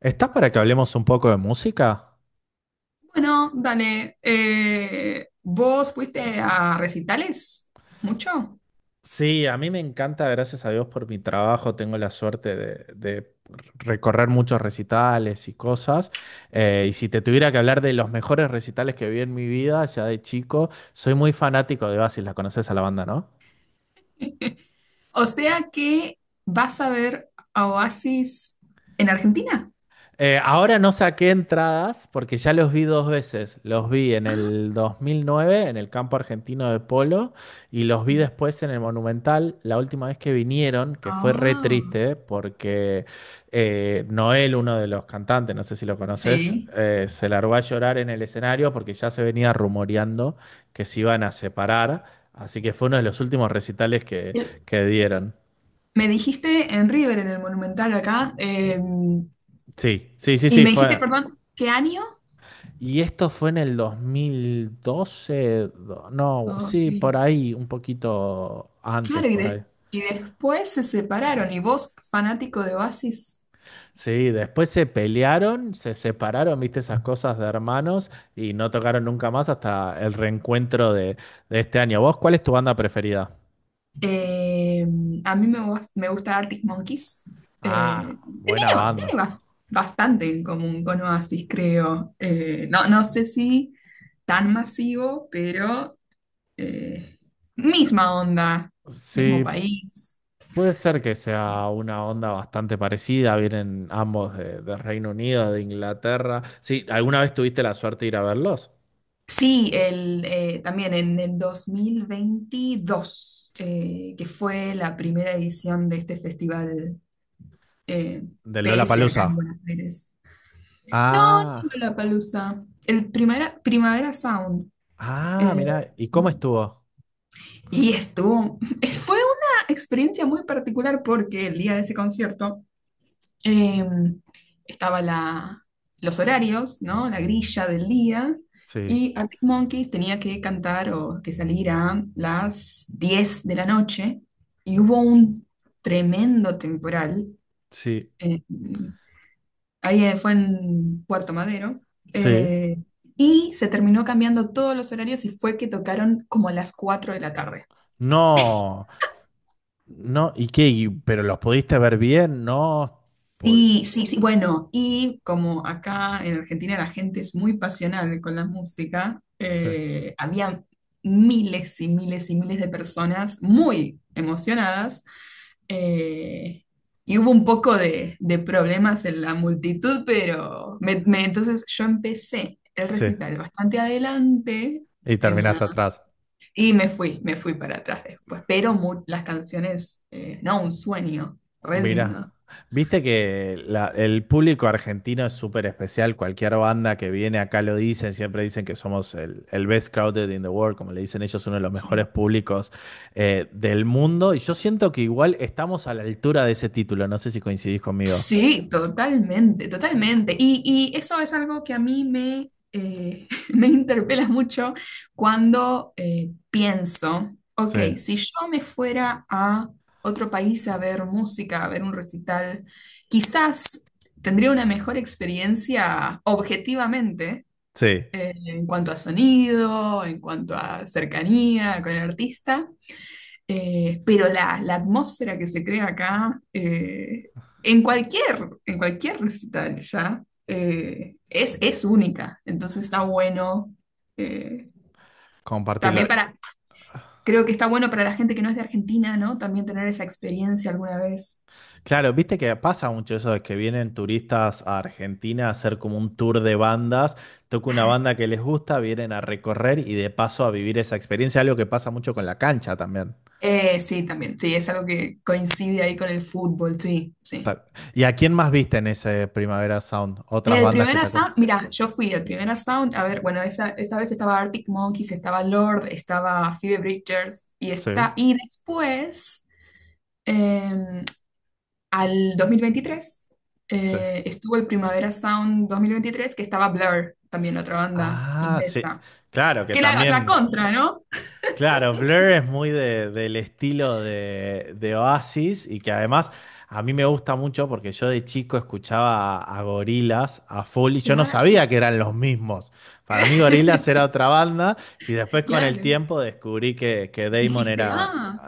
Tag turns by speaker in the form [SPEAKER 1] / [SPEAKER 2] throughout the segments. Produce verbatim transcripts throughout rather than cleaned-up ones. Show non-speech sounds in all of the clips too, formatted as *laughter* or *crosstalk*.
[SPEAKER 1] ¿Estás para que hablemos un poco de música?
[SPEAKER 2] Bueno, dale, eh, ¿vos fuiste a recitales? ¿Mucho?
[SPEAKER 1] Sí, a mí me encanta, gracias a Dios por mi trabajo, tengo la suerte de, de recorrer muchos recitales y cosas. Eh, y si te tuviera que hablar de los mejores recitales que vi en mi vida, ya de chico, soy muy fanático de Oasis, la conoces a la banda, ¿no?
[SPEAKER 2] *laughs* O sea que vas a ver a Oasis en Argentina.
[SPEAKER 1] Eh, ahora no saqué entradas porque ya los vi dos veces. Los vi en
[SPEAKER 2] Ah,
[SPEAKER 1] el dos mil nueve en el campo argentino de polo y los vi
[SPEAKER 2] sí.
[SPEAKER 1] después en el Monumental la última vez que vinieron, que fue re
[SPEAKER 2] Ah,
[SPEAKER 1] triste porque eh, Noel, uno de los cantantes, no sé si lo conoces,
[SPEAKER 2] sí.
[SPEAKER 1] eh, se largó a llorar en el escenario porque ya se venía rumoreando que se iban a separar. Así que fue uno de los últimos recitales que,
[SPEAKER 2] El-
[SPEAKER 1] que dieron.
[SPEAKER 2] Me dijiste en River, en el Monumental acá, eh,
[SPEAKER 1] Sí, sí, sí,
[SPEAKER 2] y
[SPEAKER 1] sí,
[SPEAKER 2] me dijiste,
[SPEAKER 1] fue.
[SPEAKER 2] perdón, ¿qué año?
[SPEAKER 1] Y esto fue en el dos mil doce, do- no,
[SPEAKER 2] Ok.
[SPEAKER 1] sí, por ahí, un poquito antes,
[SPEAKER 2] Claro, y,
[SPEAKER 1] por ahí.
[SPEAKER 2] de- y después se separaron, y vos, fanático de Oasis.
[SPEAKER 1] Sí, después se pelearon, se separaron, viste esas cosas de hermanos y no tocaron nunca más hasta el reencuentro de, de este año. ¿Vos cuál es tu banda preferida?
[SPEAKER 2] Eh, a mí me, gus- me gusta Arctic Monkeys, eh,
[SPEAKER 1] Ah,
[SPEAKER 2] que tiene,
[SPEAKER 1] buena
[SPEAKER 2] ba- tiene
[SPEAKER 1] banda.
[SPEAKER 2] bas- bastante en común con Oasis, creo.
[SPEAKER 1] S-
[SPEAKER 2] Eh, no, no sé si tan masivo, pero eh, misma onda, mismo
[SPEAKER 1] sí,
[SPEAKER 2] país.
[SPEAKER 1] puede ser que sea una onda bastante parecida, vienen ambos de, de Reino Unido, de Inglaterra. Sí, ¿alguna vez tuviste la suerte de ir a verlos?
[SPEAKER 2] Sí, el, eh, también en el dos mil veintidós, eh, que fue la primera edición de este festival, eh,
[SPEAKER 1] Del
[SPEAKER 2] P S acá
[SPEAKER 1] Lollapalooza.
[SPEAKER 2] en Buenos Aires. No, no
[SPEAKER 1] Ah,
[SPEAKER 2] Lollapalooza. El primera, Primavera Sound.
[SPEAKER 1] ah,
[SPEAKER 2] eh,
[SPEAKER 1] mirá, ¿y cómo estuvo?
[SPEAKER 2] y estuvo. *laughs* Fue una experiencia muy particular porque el día de ese concierto eh, estaba la, los horarios, ¿no? La grilla del día.
[SPEAKER 1] Sí,
[SPEAKER 2] Y Arctic Monkeys tenía que cantar o que salir a las diez de la noche. Y hubo un tremendo temporal.
[SPEAKER 1] sí,
[SPEAKER 2] eh, Ahí eh, fue en Puerto Madero.
[SPEAKER 1] sí.
[SPEAKER 2] eh, y se terminó cambiando todos los horarios y fue que tocaron como a las cuatro de la tarde.
[SPEAKER 1] No, no, ¿y qué? ¿Y- ¿Pero los pudiste ver bien? No, pude-
[SPEAKER 2] Sí, sí, sí. Bueno, y como acá en Argentina la gente es muy pasional con la música,
[SPEAKER 1] sí,
[SPEAKER 2] eh, había miles y miles y miles de personas muy emocionadas. eh, y hubo un poco de, de problemas en la multitud, pero me- me- entonces yo empecé el
[SPEAKER 1] sí.
[SPEAKER 2] recital bastante adelante
[SPEAKER 1] Y
[SPEAKER 2] en
[SPEAKER 1] terminaste
[SPEAKER 2] la,
[SPEAKER 1] atrás.
[SPEAKER 2] y me fui, me fui para atrás después. Pero mu- las canciones, eh, no, un sueño, re
[SPEAKER 1] Mira,
[SPEAKER 2] lindo.
[SPEAKER 1] viste que la- el público argentino es súper especial. Cualquier banda que viene acá lo dicen, siempre dicen que somos el, el best crowded in the world, como le dicen ellos, uno de los mejores
[SPEAKER 2] Sí.
[SPEAKER 1] públicos eh, del mundo. Y yo siento que igual estamos a la altura de ese título. No sé si coincidís conmigo.
[SPEAKER 2] Sí, totalmente, totalmente. Y, y eso es algo que a mí me, eh, *laughs* me interpela mucho cuando eh, pienso,
[SPEAKER 1] Sí,
[SPEAKER 2] ok, si yo me fuera a otro país a ver música, a ver un recital, quizás tendría una mejor experiencia objetivamente,
[SPEAKER 1] sí,
[SPEAKER 2] eh, en cuanto a sonido, en cuanto a cercanía con el artista. Eh, pero la, la atmósfera que se crea acá, eh, en cualquier, en cualquier recital ya, eh, es, es única. Entonces está bueno, eh,
[SPEAKER 1] compartirlo.
[SPEAKER 2] también para, creo que está bueno para la gente que no es de Argentina, ¿no? También tener esa experiencia alguna vez.
[SPEAKER 1] Claro, viste que pasa mucho eso de que vienen turistas a Argentina a hacer como un tour de bandas, toca una banda que les gusta, vienen a recorrer y de paso a vivir esa experiencia, algo que pasa mucho con la cancha también.
[SPEAKER 2] Eh, sí, también, sí, es algo que coincide ahí con el fútbol, sí, sí.
[SPEAKER 1] Ta- ¿Y a quién más viste en ese Primavera Sound?
[SPEAKER 2] Eh,
[SPEAKER 1] ¿Otras
[SPEAKER 2] El
[SPEAKER 1] bandas que te
[SPEAKER 2] primer
[SPEAKER 1] acuerdas?
[SPEAKER 2] Sound, mira, yo fui el primer Sound, a ver, bueno, esa, esa vez estaba Arctic Monkeys, estaba Lord, estaba Phoebe Bridgers y
[SPEAKER 1] Sí,
[SPEAKER 2] está, y después, em, al dos mil veintitrés,
[SPEAKER 1] sí.
[SPEAKER 2] eh, estuvo el Primavera Sound dos mil veintitrés que estaba Blur, también otra banda
[SPEAKER 1] Ah, sí.
[SPEAKER 2] inglesa,
[SPEAKER 1] Claro, que
[SPEAKER 2] que la, la
[SPEAKER 1] también.
[SPEAKER 2] contra, ¿no?
[SPEAKER 1] Claro, Blur es muy de- del estilo de, de Oasis y que además a mí me gusta mucho porque yo de chico escuchaba a Gorilas a full y yo no
[SPEAKER 2] Claro,
[SPEAKER 1] sabía que eran los mismos. Para mí Gorilas era
[SPEAKER 2] *laughs*
[SPEAKER 1] otra banda y después con el
[SPEAKER 2] claro.
[SPEAKER 1] tiempo descubrí que, que Damon
[SPEAKER 2] Dijiste,
[SPEAKER 1] era...
[SPEAKER 2] ah,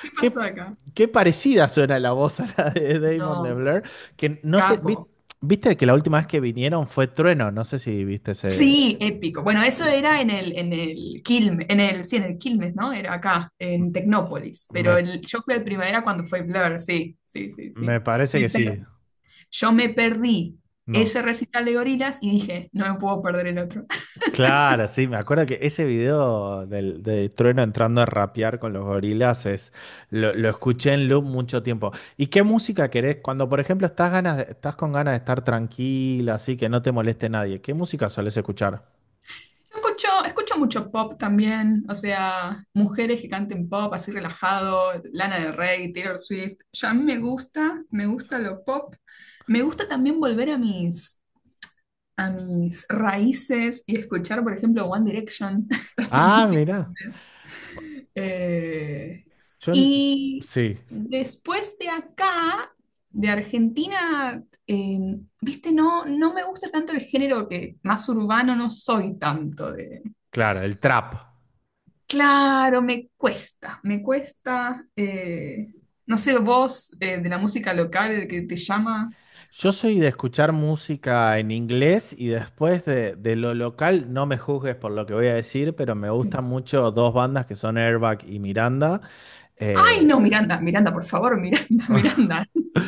[SPEAKER 2] ¿qué pasó
[SPEAKER 1] Qué,
[SPEAKER 2] acá?
[SPEAKER 1] qué parecida suena la voz a la de Damon de
[SPEAKER 2] No,
[SPEAKER 1] Blur, que no sé, vi-
[SPEAKER 2] capo.
[SPEAKER 1] viste que la última vez que vinieron fue Trueno, no sé si viste ese...
[SPEAKER 2] Sí, épico. Bueno, eso era en el, en el Quilmes, en el, sí, en el Quilmes, ¿no? Era acá, en Tecnópolis. Pero
[SPEAKER 1] Me,
[SPEAKER 2] el, yo fui al Primavera cuando fue Blur, sí, sí, sí,
[SPEAKER 1] me
[SPEAKER 2] sí.
[SPEAKER 1] parece
[SPEAKER 2] Me
[SPEAKER 1] que
[SPEAKER 2] per-
[SPEAKER 1] sí,
[SPEAKER 2] yo me perdí
[SPEAKER 1] no.
[SPEAKER 2] ese recital de Gorilas y dije, no me puedo perder el otro. *laughs*
[SPEAKER 1] Claro, sí, me acuerdo que ese video del, de Trueno entrando a rapear con los gorilas es, lo, lo
[SPEAKER 2] Sí.
[SPEAKER 1] escuché en loop mucho tiempo. ¿Y qué música querés? Cuando, por ejemplo, estás ganas, de- estás con ganas de estar tranquila, así que no te moleste nadie, ¿qué música solés escuchar?
[SPEAKER 2] Yo escucho, escucho mucho pop también, o sea, mujeres que canten pop así relajado, Lana del Rey, Taylor Swift. Yo a mí me gusta, me gusta lo pop. Me gusta también volver a mis a mis raíces y escuchar, por ejemplo, One Direction, *laughs* también
[SPEAKER 1] Ah,
[SPEAKER 2] música en
[SPEAKER 1] mira,
[SPEAKER 2] inglés. Eh,
[SPEAKER 1] yo, n-
[SPEAKER 2] y
[SPEAKER 1] sí,
[SPEAKER 2] después de acá, de Argentina, eh, viste, no, no me gusta tanto el género que más urbano no soy tanto de...
[SPEAKER 1] claro, el trap.
[SPEAKER 2] Claro, me cuesta, me cuesta, eh, no sé, vos eh, de la música local que te llama.
[SPEAKER 1] Yo soy de escuchar música en inglés y después de, de lo local, no me juzgues por lo que voy a decir, pero me gustan
[SPEAKER 2] Sí.
[SPEAKER 1] mucho dos bandas que son Airbag y Miranda.
[SPEAKER 2] Ay,
[SPEAKER 1] eh,
[SPEAKER 2] no, Miranda, Miranda, por favor, Miranda, *laughs* Miranda,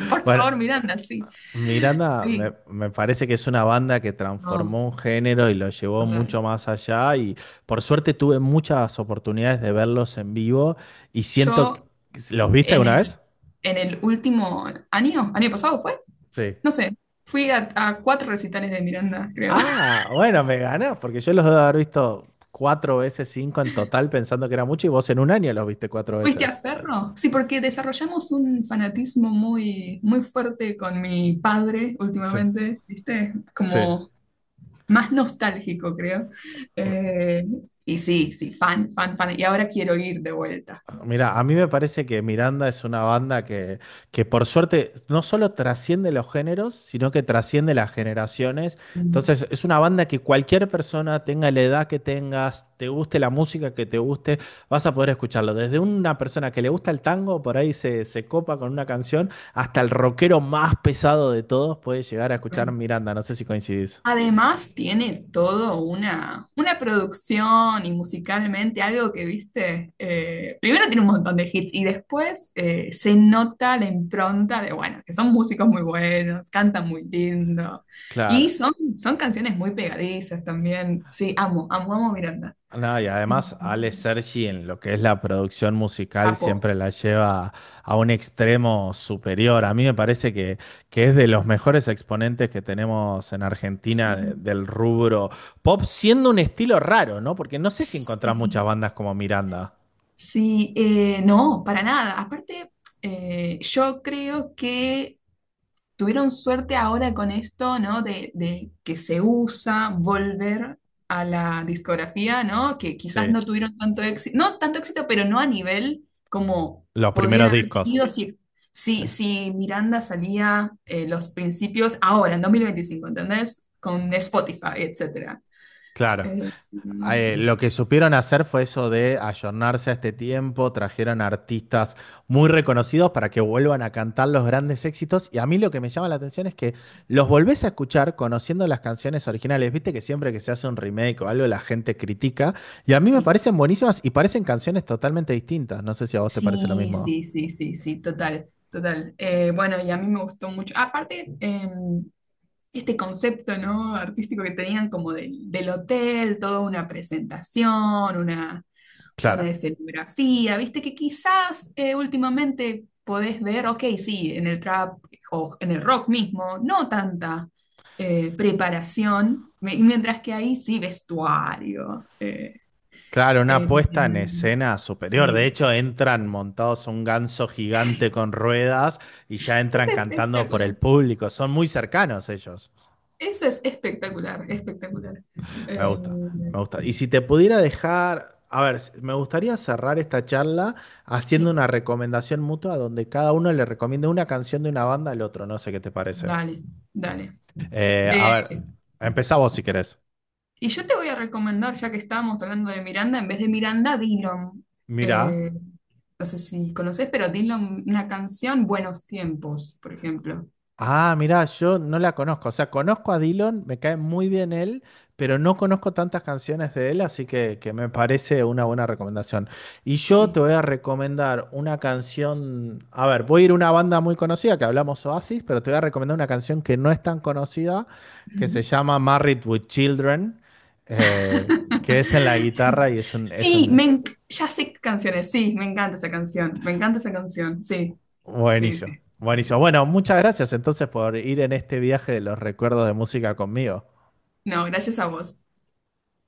[SPEAKER 2] por
[SPEAKER 1] Bueno,
[SPEAKER 2] favor, Miranda, sí,
[SPEAKER 1] Miranda me,
[SPEAKER 2] sí,
[SPEAKER 1] me parece que es una banda que
[SPEAKER 2] no,
[SPEAKER 1] transformó un género y lo llevó
[SPEAKER 2] total.
[SPEAKER 1] mucho más allá y por suerte tuve muchas oportunidades de verlos en vivo y siento que-
[SPEAKER 2] Yo
[SPEAKER 1] ¿Los viste
[SPEAKER 2] en
[SPEAKER 1] alguna
[SPEAKER 2] el,
[SPEAKER 1] vez?
[SPEAKER 2] en el último año, año pasado fue,
[SPEAKER 1] Sí.
[SPEAKER 2] no sé, fui a, a cuatro recitales de Miranda, creo. *laughs*
[SPEAKER 1] Ah, bueno, me ganás, porque yo los debo haber visto cuatro veces, cinco en total, pensando que era mucho y vos en un año los viste cuatro
[SPEAKER 2] ¿Fuiste a
[SPEAKER 1] veces.
[SPEAKER 2] Ferro? Sí, porque desarrollamos un fanatismo muy, muy fuerte con mi padre
[SPEAKER 1] Sí,
[SPEAKER 2] últimamente, ¿viste?
[SPEAKER 1] sí.
[SPEAKER 2] Como más nostálgico, creo. Eh, y sí, sí, fan, fan, fan. Y ahora quiero ir de vuelta.
[SPEAKER 1] Mira, a mí me parece que Miranda es una banda que, que por suerte no solo trasciende los géneros, sino que trasciende las generaciones.
[SPEAKER 2] Mm,
[SPEAKER 1] Entonces, es una banda que cualquier persona, tenga la edad que tengas, te guste la música que te guste, vas a poder escucharlo. Desde una persona que le gusta el tango, por ahí se, se copa con una canción, hasta el rockero más pesado de todos puede llegar a escuchar
[SPEAKER 2] ok.
[SPEAKER 1] Miranda. No sé si coincidís.
[SPEAKER 2] Además, tiene todo una, una producción y musicalmente algo que viste. Eh, primero tiene un montón de hits y después eh, se nota la impronta de, bueno, que son músicos muy buenos, cantan muy lindo y
[SPEAKER 1] Claro.
[SPEAKER 2] son, son canciones muy pegadizas también. Sí, amo, amo, amo a Miranda.
[SPEAKER 1] No, y
[SPEAKER 2] *laughs*
[SPEAKER 1] además Ale Sergi en lo que es la producción musical
[SPEAKER 2] Capo.
[SPEAKER 1] siempre la lleva a un extremo superior. A mí me parece que, que es de los mejores exponentes que tenemos en Argentina de-
[SPEAKER 2] Sí,
[SPEAKER 1] del rubro pop, siendo un estilo raro, ¿no? Porque no sé si encontrás muchas
[SPEAKER 2] sí,
[SPEAKER 1] bandas como Miranda.
[SPEAKER 2] sí, eh, no, para nada. Aparte, eh, yo creo que tuvieron suerte ahora con esto, ¿no? De, de que se usa volver a la discografía, ¿no? Que
[SPEAKER 1] Sí.
[SPEAKER 2] quizás no tuvieron tanto éxito, no tanto éxito, pero no a nivel como
[SPEAKER 1] Los
[SPEAKER 2] podrían
[SPEAKER 1] primeros
[SPEAKER 2] haber
[SPEAKER 1] discos.
[SPEAKER 2] tenido si,
[SPEAKER 1] Sí.
[SPEAKER 2] si, si Miranda salía eh, los principios ahora, en dos mil veinticinco, ¿entendés? Con Spotify, etcétera.
[SPEAKER 1] Claro.
[SPEAKER 2] Eh,
[SPEAKER 1] Eh,
[SPEAKER 2] mm,
[SPEAKER 1] lo que supieron hacer fue eso de ayornarse a este tiempo, trajeron artistas muy reconocidos para que vuelvan a cantar los grandes éxitos y a mí lo que me llama la atención es que los volvés a escuchar conociendo las canciones originales, viste que siempre que se hace un remake o algo la gente critica y a mí me
[SPEAKER 2] sí.
[SPEAKER 1] parecen buenísimas y parecen canciones totalmente distintas, no sé si a vos te parece lo
[SPEAKER 2] Sí,
[SPEAKER 1] mismo.
[SPEAKER 2] sí, sí, sí, sí, total, total. Eh, bueno, y a mí me gustó mucho. Aparte, em, este concepto, ¿no? Artístico que tenían como del, del hotel, toda una presentación, una, una
[SPEAKER 1] Claro.
[SPEAKER 2] escenografía, viste que quizás eh, últimamente podés ver, ok, sí, en el trap o en el rock mismo, no tanta eh, preparación, me- mientras que ahí sí vestuario, eh,
[SPEAKER 1] Claro, una
[SPEAKER 2] eh,
[SPEAKER 1] puesta en
[SPEAKER 2] escenario,
[SPEAKER 1] escena superior. De
[SPEAKER 2] sí.
[SPEAKER 1] hecho, entran montados un ganso gigante con ruedas y ya
[SPEAKER 2] Es
[SPEAKER 1] entran cantando por el
[SPEAKER 2] espectacular,
[SPEAKER 1] público. Son muy cercanos ellos.
[SPEAKER 2] eso es espectacular, espectacular.
[SPEAKER 1] Me
[SPEAKER 2] Eh,
[SPEAKER 1] gusta, me gusta. Y si te pudiera dejar, a ver, s- me gustaría cerrar esta charla haciendo
[SPEAKER 2] sí,
[SPEAKER 1] una recomendación mutua donde cada uno le recomiende una canción de una banda al otro. No sé qué te parece.
[SPEAKER 2] dale, dale.
[SPEAKER 1] Eh, a ver,
[SPEAKER 2] Eh,
[SPEAKER 1] empezá vos si querés.
[SPEAKER 2] Y yo te voy a recomendar, ya que estábamos hablando de Miranda, en vez de Miranda, Dillom.
[SPEAKER 1] Mirá.
[SPEAKER 2] Eh, no sé si conoces, pero Dillom, una canción, Buenos Tiempos, por ejemplo.
[SPEAKER 1] Ah, mirá, yo no la conozco. O sea, conozco a Dylan, me cae muy bien él, pero no conozco tantas canciones de él, así que, que me parece una buena recomendación. Y yo te
[SPEAKER 2] Sí.
[SPEAKER 1] voy a recomendar una canción. A ver, voy a ir a una banda muy conocida que hablamos Oasis, pero te voy a recomendar una canción que no es tan conocida, que se
[SPEAKER 2] Ujú.
[SPEAKER 1] llama Married with Children, eh, que es en la guitarra
[SPEAKER 2] *laughs*
[SPEAKER 1] y es un, es
[SPEAKER 2] Sí,
[SPEAKER 1] un
[SPEAKER 2] me enc- ya sé qué canciones, sí, me encanta esa canción, me encanta esa canción, sí, sí,
[SPEAKER 1] buenísimo.
[SPEAKER 2] sí. Sí.
[SPEAKER 1] Buenísimo. Bueno, muchas gracias entonces por ir en este viaje de los recuerdos de música conmigo.
[SPEAKER 2] No, gracias a vos.